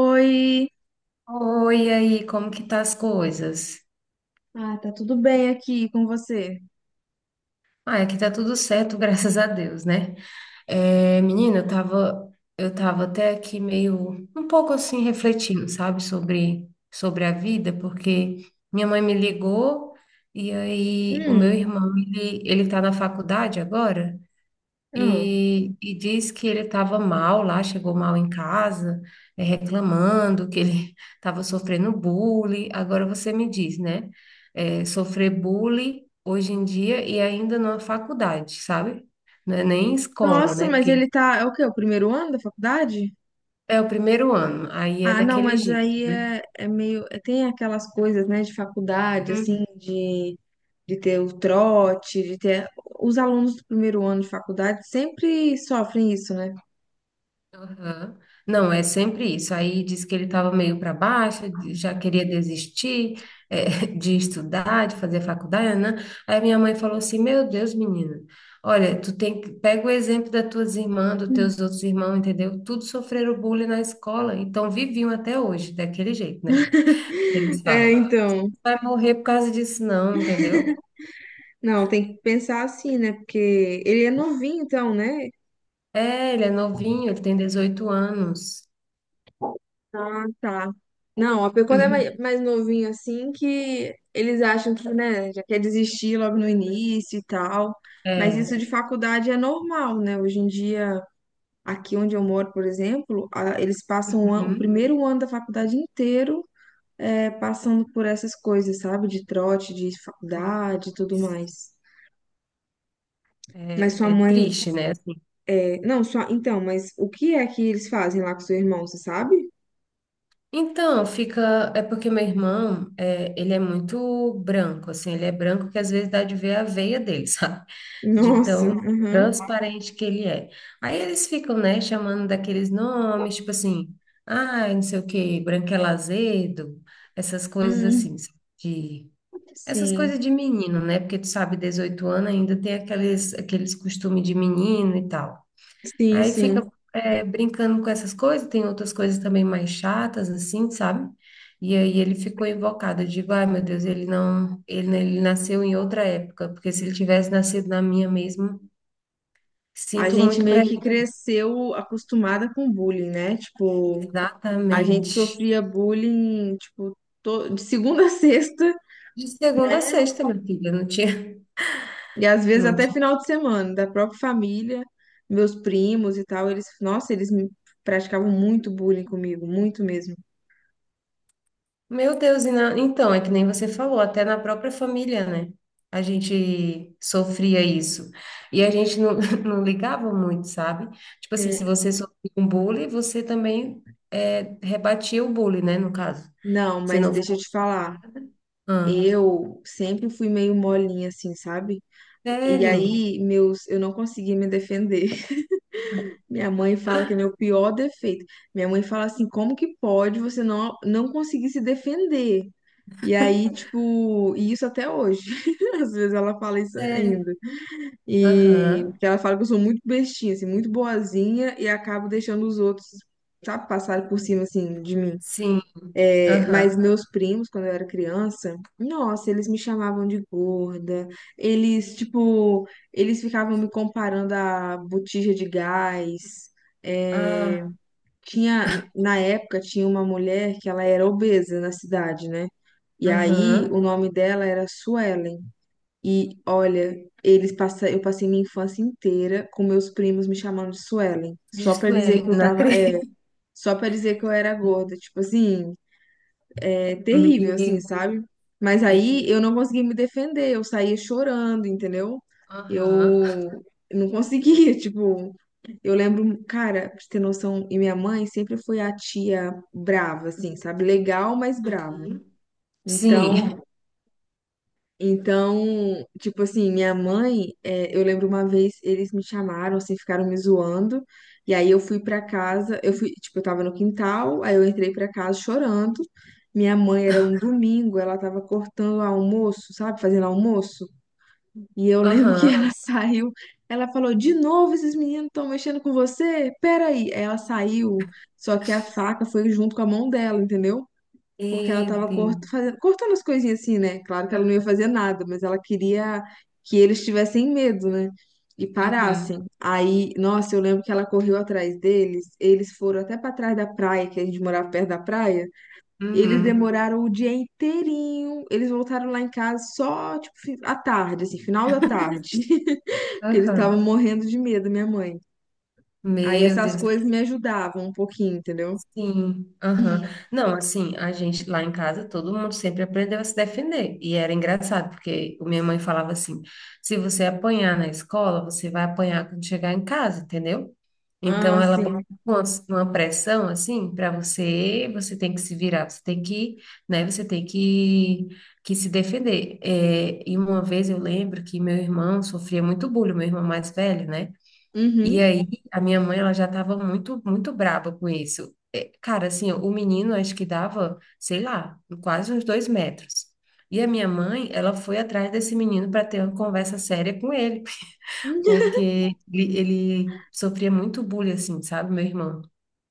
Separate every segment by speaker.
Speaker 1: Oi!
Speaker 2: Oi, e aí, como que tá as coisas?
Speaker 1: Ah, tá tudo bem aqui com você?
Speaker 2: Ah, aqui tá tudo certo, graças a Deus, né? É, menina, eu tava até aqui meio, um pouco assim, refletindo, sabe, sobre a vida, porque minha mãe me ligou e aí o
Speaker 1: Hum,
Speaker 2: meu irmão, ele tá na faculdade agora.
Speaker 1: ah.
Speaker 2: E diz que ele estava mal lá, chegou mal em casa, reclamando que ele estava sofrendo bullying. Agora você me diz, né? Sofrer bullying hoje em dia e ainda numa faculdade, sabe? Não é nem escola,
Speaker 1: Nossa,
Speaker 2: né?
Speaker 1: mas
Speaker 2: Porque
Speaker 1: ele tá, é o quê? O primeiro ano da faculdade?
Speaker 2: é o primeiro ano, aí é
Speaker 1: Ah, não,
Speaker 2: daquele
Speaker 1: mas
Speaker 2: jeito,
Speaker 1: aí
Speaker 2: né?
Speaker 1: é meio, tem aquelas coisas, né, de faculdade, assim, de ter o trote, de ter... Os alunos do primeiro ano de faculdade sempre sofrem isso, né?
Speaker 2: Aham. Não, é sempre isso. Aí disse que ele estava meio para baixo, já queria desistir, eh, de estudar, de fazer faculdade, né? Aí minha mãe falou assim: Meu Deus, menina, olha, tu tem que pega o exemplo das tuas irmãs, dos teus outros irmãos, entendeu? Tudo sofreram bullying na escola, então viviam até hoje, daquele jeito, né? Eles
Speaker 1: É,
Speaker 2: falam:
Speaker 1: então,
Speaker 2: Vai morrer por causa disso, não, entendeu?
Speaker 1: não, tem que pensar assim, né, porque ele é novinho, então, né?
Speaker 2: É, ele é novinho, ele tem 18 anos.
Speaker 1: Ah, tá. Não, quando é mais novinho assim, que eles acham que, né, já quer desistir logo no início e tal. Mas
Speaker 2: É.
Speaker 1: isso de faculdade é normal, né? Hoje em dia, aqui onde eu moro, por exemplo, eles passam o
Speaker 2: Uhum.
Speaker 1: primeiro ano da faculdade inteiro é, passando por essas coisas, sabe? De trote, de faculdade e tudo mais. Mas
Speaker 2: É,
Speaker 1: sua
Speaker 2: é
Speaker 1: mãe.
Speaker 2: triste, né?
Speaker 1: É, não, só. Então, mas o que é que eles fazem lá com seu irmão, você sabe?
Speaker 2: Então, fica. É porque meu irmão, é, ele é muito branco, assim, ele é branco que às vezes dá de ver a veia dele, sabe? De
Speaker 1: Nossa,
Speaker 2: tão
Speaker 1: aham.
Speaker 2: transparente que ele é. Aí eles ficam, né, chamando daqueles nomes, tipo assim, ai, não sei o quê, branquelo azedo, essas coisas
Speaker 1: Hum,
Speaker 2: assim, de. Essas coisas
Speaker 1: sim.
Speaker 2: de menino, né? Porque tu sabe, 18 anos ainda tem aqueles costumes de menino e tal.
Speaker 1: Sim,
Speaker 2: Aí fica
Speaker 1: sim.
Speaker 2: brincando com essas coisas, tem outras coisas também mais chatas, assim, sabe? E aí ele ficou invocado, eu digo, ai meu Deus, ele não, ele, né, ele nasceu em outra época, porque se ele tivesse nascido na minha mesmo,
Speaker 1: A
Speaker 2: sinto
Speaker 1: gente
Speaker 2: muito para
Speaker 1: meio que
Speaker 2: ele.
Speaker 1: cresceu acostumada com bullying, né? Tipo, a gente
Speaker 2: Exatamente.
Speaker 1: sofria bullying, tipo, de segunda a sexta
Speaker 2: De segunda a sexta, minha filha, não tinha.
Speaker 1: e às vezes
Speaker 2: Não.
Speaker 1: até final de semana, da própria família, meus primos e tal, eles, nossa, eles me praticavam muito bullying comigo, muito mesmo.
Speaker 2: Meu Deus, e então, é que nem você falou, até na própria família, né? A gente sofria isso. E a gente não, não ligava muito, sabe? Tipo assim, se
Speaker 1: É,
Speaker 2: você sofria um bullying, você também rebatia o bullying, né? No caso.
Speaker 1: não,
Speaker 2: Você
Speaker 1: mas
Speaker 2: não.
Speaker 1: deixa eu te falar,
Speaker 2: Ah,
Speaker 1: eu sempre fui meio molinha assim, sabe? E
Speaker 2: sério?
Speaker 1: aí, meus, eu não conseguia me defender. Minha mãe fala que é meu pior defeito. Minha mãe fala assim, como que pode você não conseguir se defender? E aí, tipo, e isso até hoje. Às vezes ela fala isso
Speaker 2: Sério?
Speaker 1: ainda. E
Speaker 2: Aham.
Speaker 1: que ela fala que eu sou muito bestinha, assim, muito boazinha e acabo deixando os outros, sabe, passar por cima, assim, de mim.
Speaker 2: Sim,
Speaker 1: É, mas
Speaker 2: aham.
Speaker 1: meus primos, quando eu era criança, nossa, eles me chamavam de gorda. Eles, tipo, eles ficavam me comparando a botija de gás.
Speaker 2: Ah,
Speaker 1: É, tinha, na época, tinha uma mulher que ela era obesa na cidade, né? E aí o
Speaker 2: aham.
Speaker 1: nome dela era Suelen. E olha, eu passei minha infância inteira com meus primos me chamando de Suelen, só pra dizer
Speaker 2: Gisele,
Speaker 1: que eu
Speaker 2: não
Speaker 1: tava, é,
Speaker 2: acredito.
Speaker 1: só pra dizer que eu era gorda, tipo assim, é
Speaker 2: Meu,
Speaker 1: terrível, assim,
Speaker 2: terrível.
Speaker 1: sabe? Mas aí eu não consegui me defender, eu saía chorando, entendeu? Eu
Speaker 2: Aham.
Speaker 1: não conseguia, tipo, eu lembro, cara, pra você ter noção, e minha mãe sempre foi a tia brava, assim, sabe? Legal, mas brava.
Speaker 2: Uhum. Sim,
Speaker 1: Então, então, tipo assim, minha mãe, é, eu lembro uma vez eles me chamaram, assim, ficaram me zoando. E aí eu fui pra casa, eu fui, tipo, eu tava no quintal, aí eu entrei pra casa chorando. Minha mãe era um domingo, ela tava cortando almoço, sabe, fazendo almoço. E eu lembro que
Speaker 2: aham.
Speaker 1: ela saiu, ela falou: "De novo esses meninos estão mexendo com você? Pera." Aí ela saiu, só que a faca foi junto com a mão dela, entendeu? Porque ela
Speaker 2: Meu
Speaker 1: tava
Speaker 2: Deus.
Speaker 1: cortando as coisinhas assim, né? Claro que ela não ia fazer nada, mas ela queria que eles tivessem medo, né? E
Speaker 2: Uhum,
Speaker 1: parassem. Aí, nossa, eu lembro que ela correu atrás deles, eles foram até pra trás da praia, que a gente morava perto da praia. Eles
Speaker 2: uhum,
Speaker 1: demoraram o dia inteirinho, eles voltaram lá em casa só, tipo, à tarde, assim, final da tarde, porque eles estavam
Speaker 2: uhum.
Speaker 1: morrendo de medo, minha mãe. Aí
Speaker 2: Meu
Speaker 1: essas
Speaker 2: Deus,
Speaker 1: coisas me ajudavam um pouquinho, entendeu?
Speaker 2: sim, aham. Não, assim, a gente lá em casa, todo mundo sempre aprendeu a se defender. E era engraçado, porque o minha mãe falava assim: se você apanhar na escola, você vai apanhar quando chegar em casa, entendeu? Então
Speaker 1: Ah,
Speaker 2: ela bota
Speaker 1: sim.
Speaker 2: uma, uma pressão assim para você, você tem que se virar, você tem que, né, você tem que se defender. É, e uma vez eu lembro que meu irmão sofria muito bullying, meu irmão mais velho, né? E
Speaker 1: Uhum.
Speaker 2: aí, a minha mãe, ela já estava muito, muito braba com isso. É, cara, assim, o menino, acho que dava, sei lá, quase uns 2 metros. E a minha mãe, ela foi atrás desse menino para ter uma conversa séria com ele, porque ele sofria muito bullying, assim, sabe, meu irmão?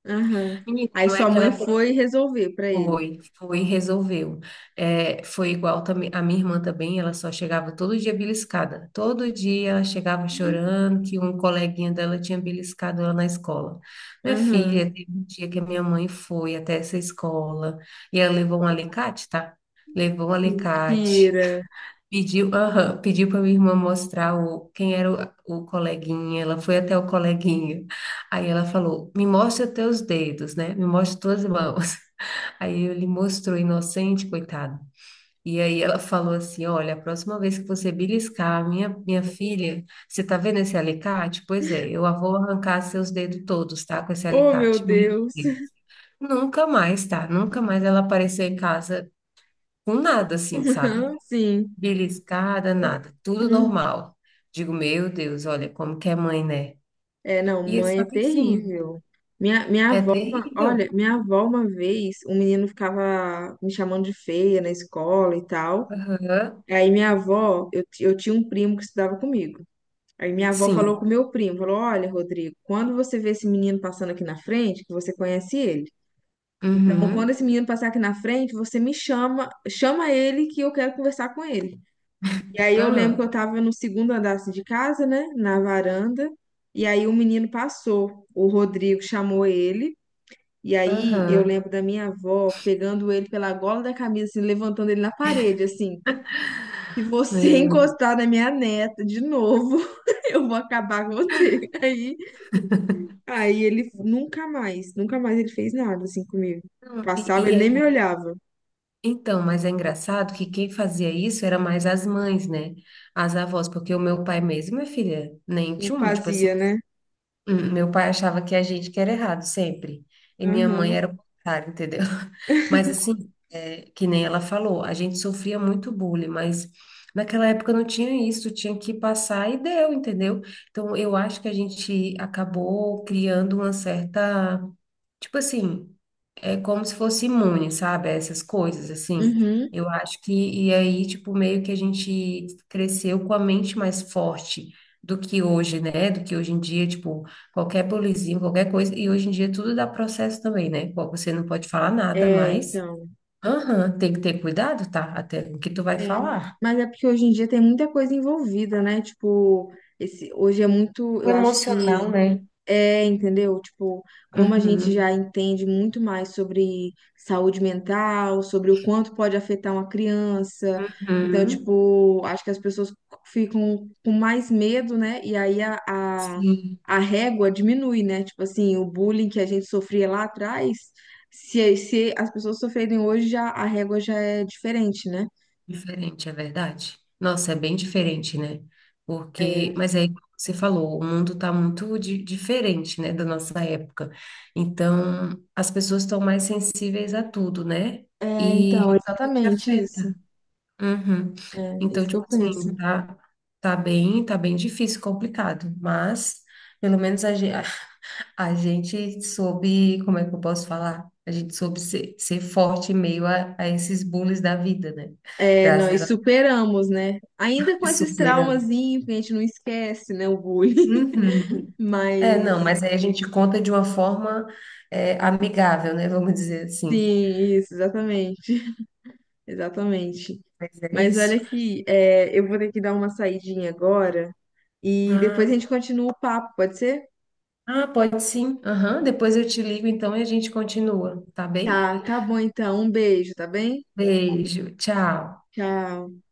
Speaker 1: Aham.
Speaker 2: Menino,
Speaker 1: Aí
Speaker 2: não é
Speaker 1: sua
Speaker 2: aquela
Speaker 1: mãe foi resolver pra ele.
Speaker 2: foi, foi, resolveu. É, foi igual também, a minha irmã também, ela só chegava todo dia beliscada. Todo dia ela chegava chorando que um coleguinha dela tinha beliscado ela na escola. Minha
Speaker 1: Aham.
Speaker 2: filha, teve um dia que a minha mãe foi até essa escola e ela levou um alicate, tá? Levou um alicate.
Speaker 1: Mentira.
Speaker 2: Pediu, aham, pediu para minha irmã mostrar o, quem era o coleguinha. Ela foi até o coleguinha. Aí ela falou: Me mostra teus dedos, né? Me mostra tuas mãos. Aí ele mostrou inocente, coitado. E aí ela falou assim: Olha, a próxima vez que você beliscar a minha filha, você tá vendo esse alicate? Pois é, eu vou arrancar seus dedos todos, tá? Com esse
Speaker 1: Oh, meu
Speaker 2: alicate. Meu
Speaker 1: Deus.
Speaker 2: Deus. Nunca mais, tá? Nunca mais ela apareceu em casa com nada assim, sabe?
Speaker 1: Sim.
Speaker 2: Beliscada, nada. Tudo
Speaker 1: Hum.
Speaker 2: normal. Digo, meu Deus, olha como que é mãe, né?
Speaker 1: É, não,
Speaker 2: E ele
Speaker 1: mãe é
Speaker 2: só que assim,
Speaker 1: terrível. Minha
Speaker 2: é
Speaker 1: avó,
Speaker 2: terrível.
Speaker 1: olha, minha avó uma vez, um menino ficava me chamando de feia na escola e tal.
Speaker 2: Aham.
Speaker 1: Aí minha avó, eu, eu tinha um primo que estudava comigo. Aí minha avó falou
Speaker 2: Sim.
Speaker 1: com meu primo, falou, olha, Rodrigo, quando você vê esse menino passando aqui na frente, que você conhece ele. Então, quando
Speaker 2: Uhum.
Speaker 1: esse menino passar aqui na frente, você me chama, chama ele que eu quero conversar com ele. E aí eu lembro que eu
Speaker 2: Aham.
Speaker 1: tava no segundo andar assim, de casa, né, na varanda, e aí o menino passou, o Rodrigo chamou ele, e aí eu
Speaker 2: Aham.
Speaker 1: lembro da minha avó pegando ele pela gola da camisa, assim, levantando ele na parede, assim, se você
Speaker 2: Meu,
Speaker 1: encostar na minha neta de novo, eu vou acabar com você. Aí, aí ele nunca mais ele fez nada assim comigo.
Speaker 2: não. e,
Speaker 1: Passava,
Speaker 2: e
Speaker 1: ele
Speaker 2: é
Speaker 1: nem me
Speaker 2: engra-
Speaker 1: olhava.
Speaker 2: então, mas é engraçado que quem fazia isso era mais as mães, né? As avós, porque o meu pai mesmo, minha filha, nem
Speaker 1: Não
Speaker 2: tinha um, tipo assim,
Speaker 1: fazia, né?
Speaker 2: meu pai achava que a gente que era errado sempre, e minha mãe
Speaker 1: Aham.
Speaker 2: era o contrário, entendeu? Mas assim, que nem ela falou, a gente sofria muito bullying, mas naquela época não tinha isso, tinha que passar e deu, entendeu? Então, eu acho que a gente acabou criando uma certa, tipo assim, é como se fosse imune, sabe, a essas coisas, assim.
Speaker 1: Uhum.
Speaker 2: Eu acho que, e aí, tipo, meio que a gente cresceu com a mente mais forte do que hoje, né? Do que hoje em dia, tipo, qualquer bolizinho, qualquer coisa. E hoje em dia tudo dá processo também, né? Bom, você não pode falar nada
Speaker 1: É,
Speaker 2: mais.
Speaker 1: então.
Speaker 2: Aham, tem que ter cuidado, tá? Até o que tu vai
Speaker 1: É.
Speaker 2: falar.
Speaker 1: Mas é porque hoje em dia tem muita coisa envolvida, né? Tipo, esse, hoje é muito,
Speaker 2: O
Speaker 1: eu acho que
Speaker 2: emocional, né?
Speaker 1: é, entendeu? Tipo, como a gente
Speaker 2: Uhum,
Speaker 1: já entende muito mais sobre saúde mental, sobre o quanto pode afetar uma criança. Então,
Speaker 2: uhum.
Speaker 1: tipo, acho que as pessoas ficam com mais medo, né? E aí a, a,
Speaker 2: Sim.
Speaker 1: a régua diminui, né? Tipo assim, o bullying que a gente sofria lá atrás, se as pessoas sofrerem hoje, já a régua já é diferente, né?
Speaker 2: Diferente, é verdade. Nossa, é bem diferente, né? Porque,
Speaker 1: É,
Speaker 2: mas aí, como você falou, o mundo está muito diferente, né, da nossa época. Então, as pessoas estão mais sensíveis a tudo, né? E o que
Speaker 1: exatamente isso.
Speaker 2: afeta. Uhum.
Speaker 1: É, é
Speaker 2: Então,
Speaker 1: isso que eu
Speaker 2: tipo
Speaker 1: penso.
Speaker 2: assim, tá, tá bem difícil, complicado, mas pelo menos a gente soube, como é que eu posso falar? A gente soube ser forte em meio a esses bullies da vida, né?
Speaker 1: É,
Speaker 2: Graças
Speaker 1: nós superamos, né? Ainda com esses
Speaker 2: Supera.
Speaker 1: traumazinhos que a gente não esquece, né? O bullying.
Speaker 2: Uhum. É, não,
Speaker 1: Mas,
Speaker 2: mas aí a gente conta de uma forma amigável, né? Vamos dizer assim.
Speaker 1: sim, isso, exatamente. Exatamente.
Speaker 2: Mas é
Speaker 1: Mas olha
Speaker 2: isso.
Speaker 1: aqui, é, eu vou ter que dar uma saidinha agora e
Speaker 2: Ah,
Speaker 1: depois a gente continua o papo, pode ser?
Speaker 2: ah, pode sim. Aham, depois eu te ligo, então, e a gente continua, tá bem?
Speaker 1: Tá, tá bom então. Um beijo, tá bem?
Speaker 2: Beijo, tchau.
Speaker 1: Tchau.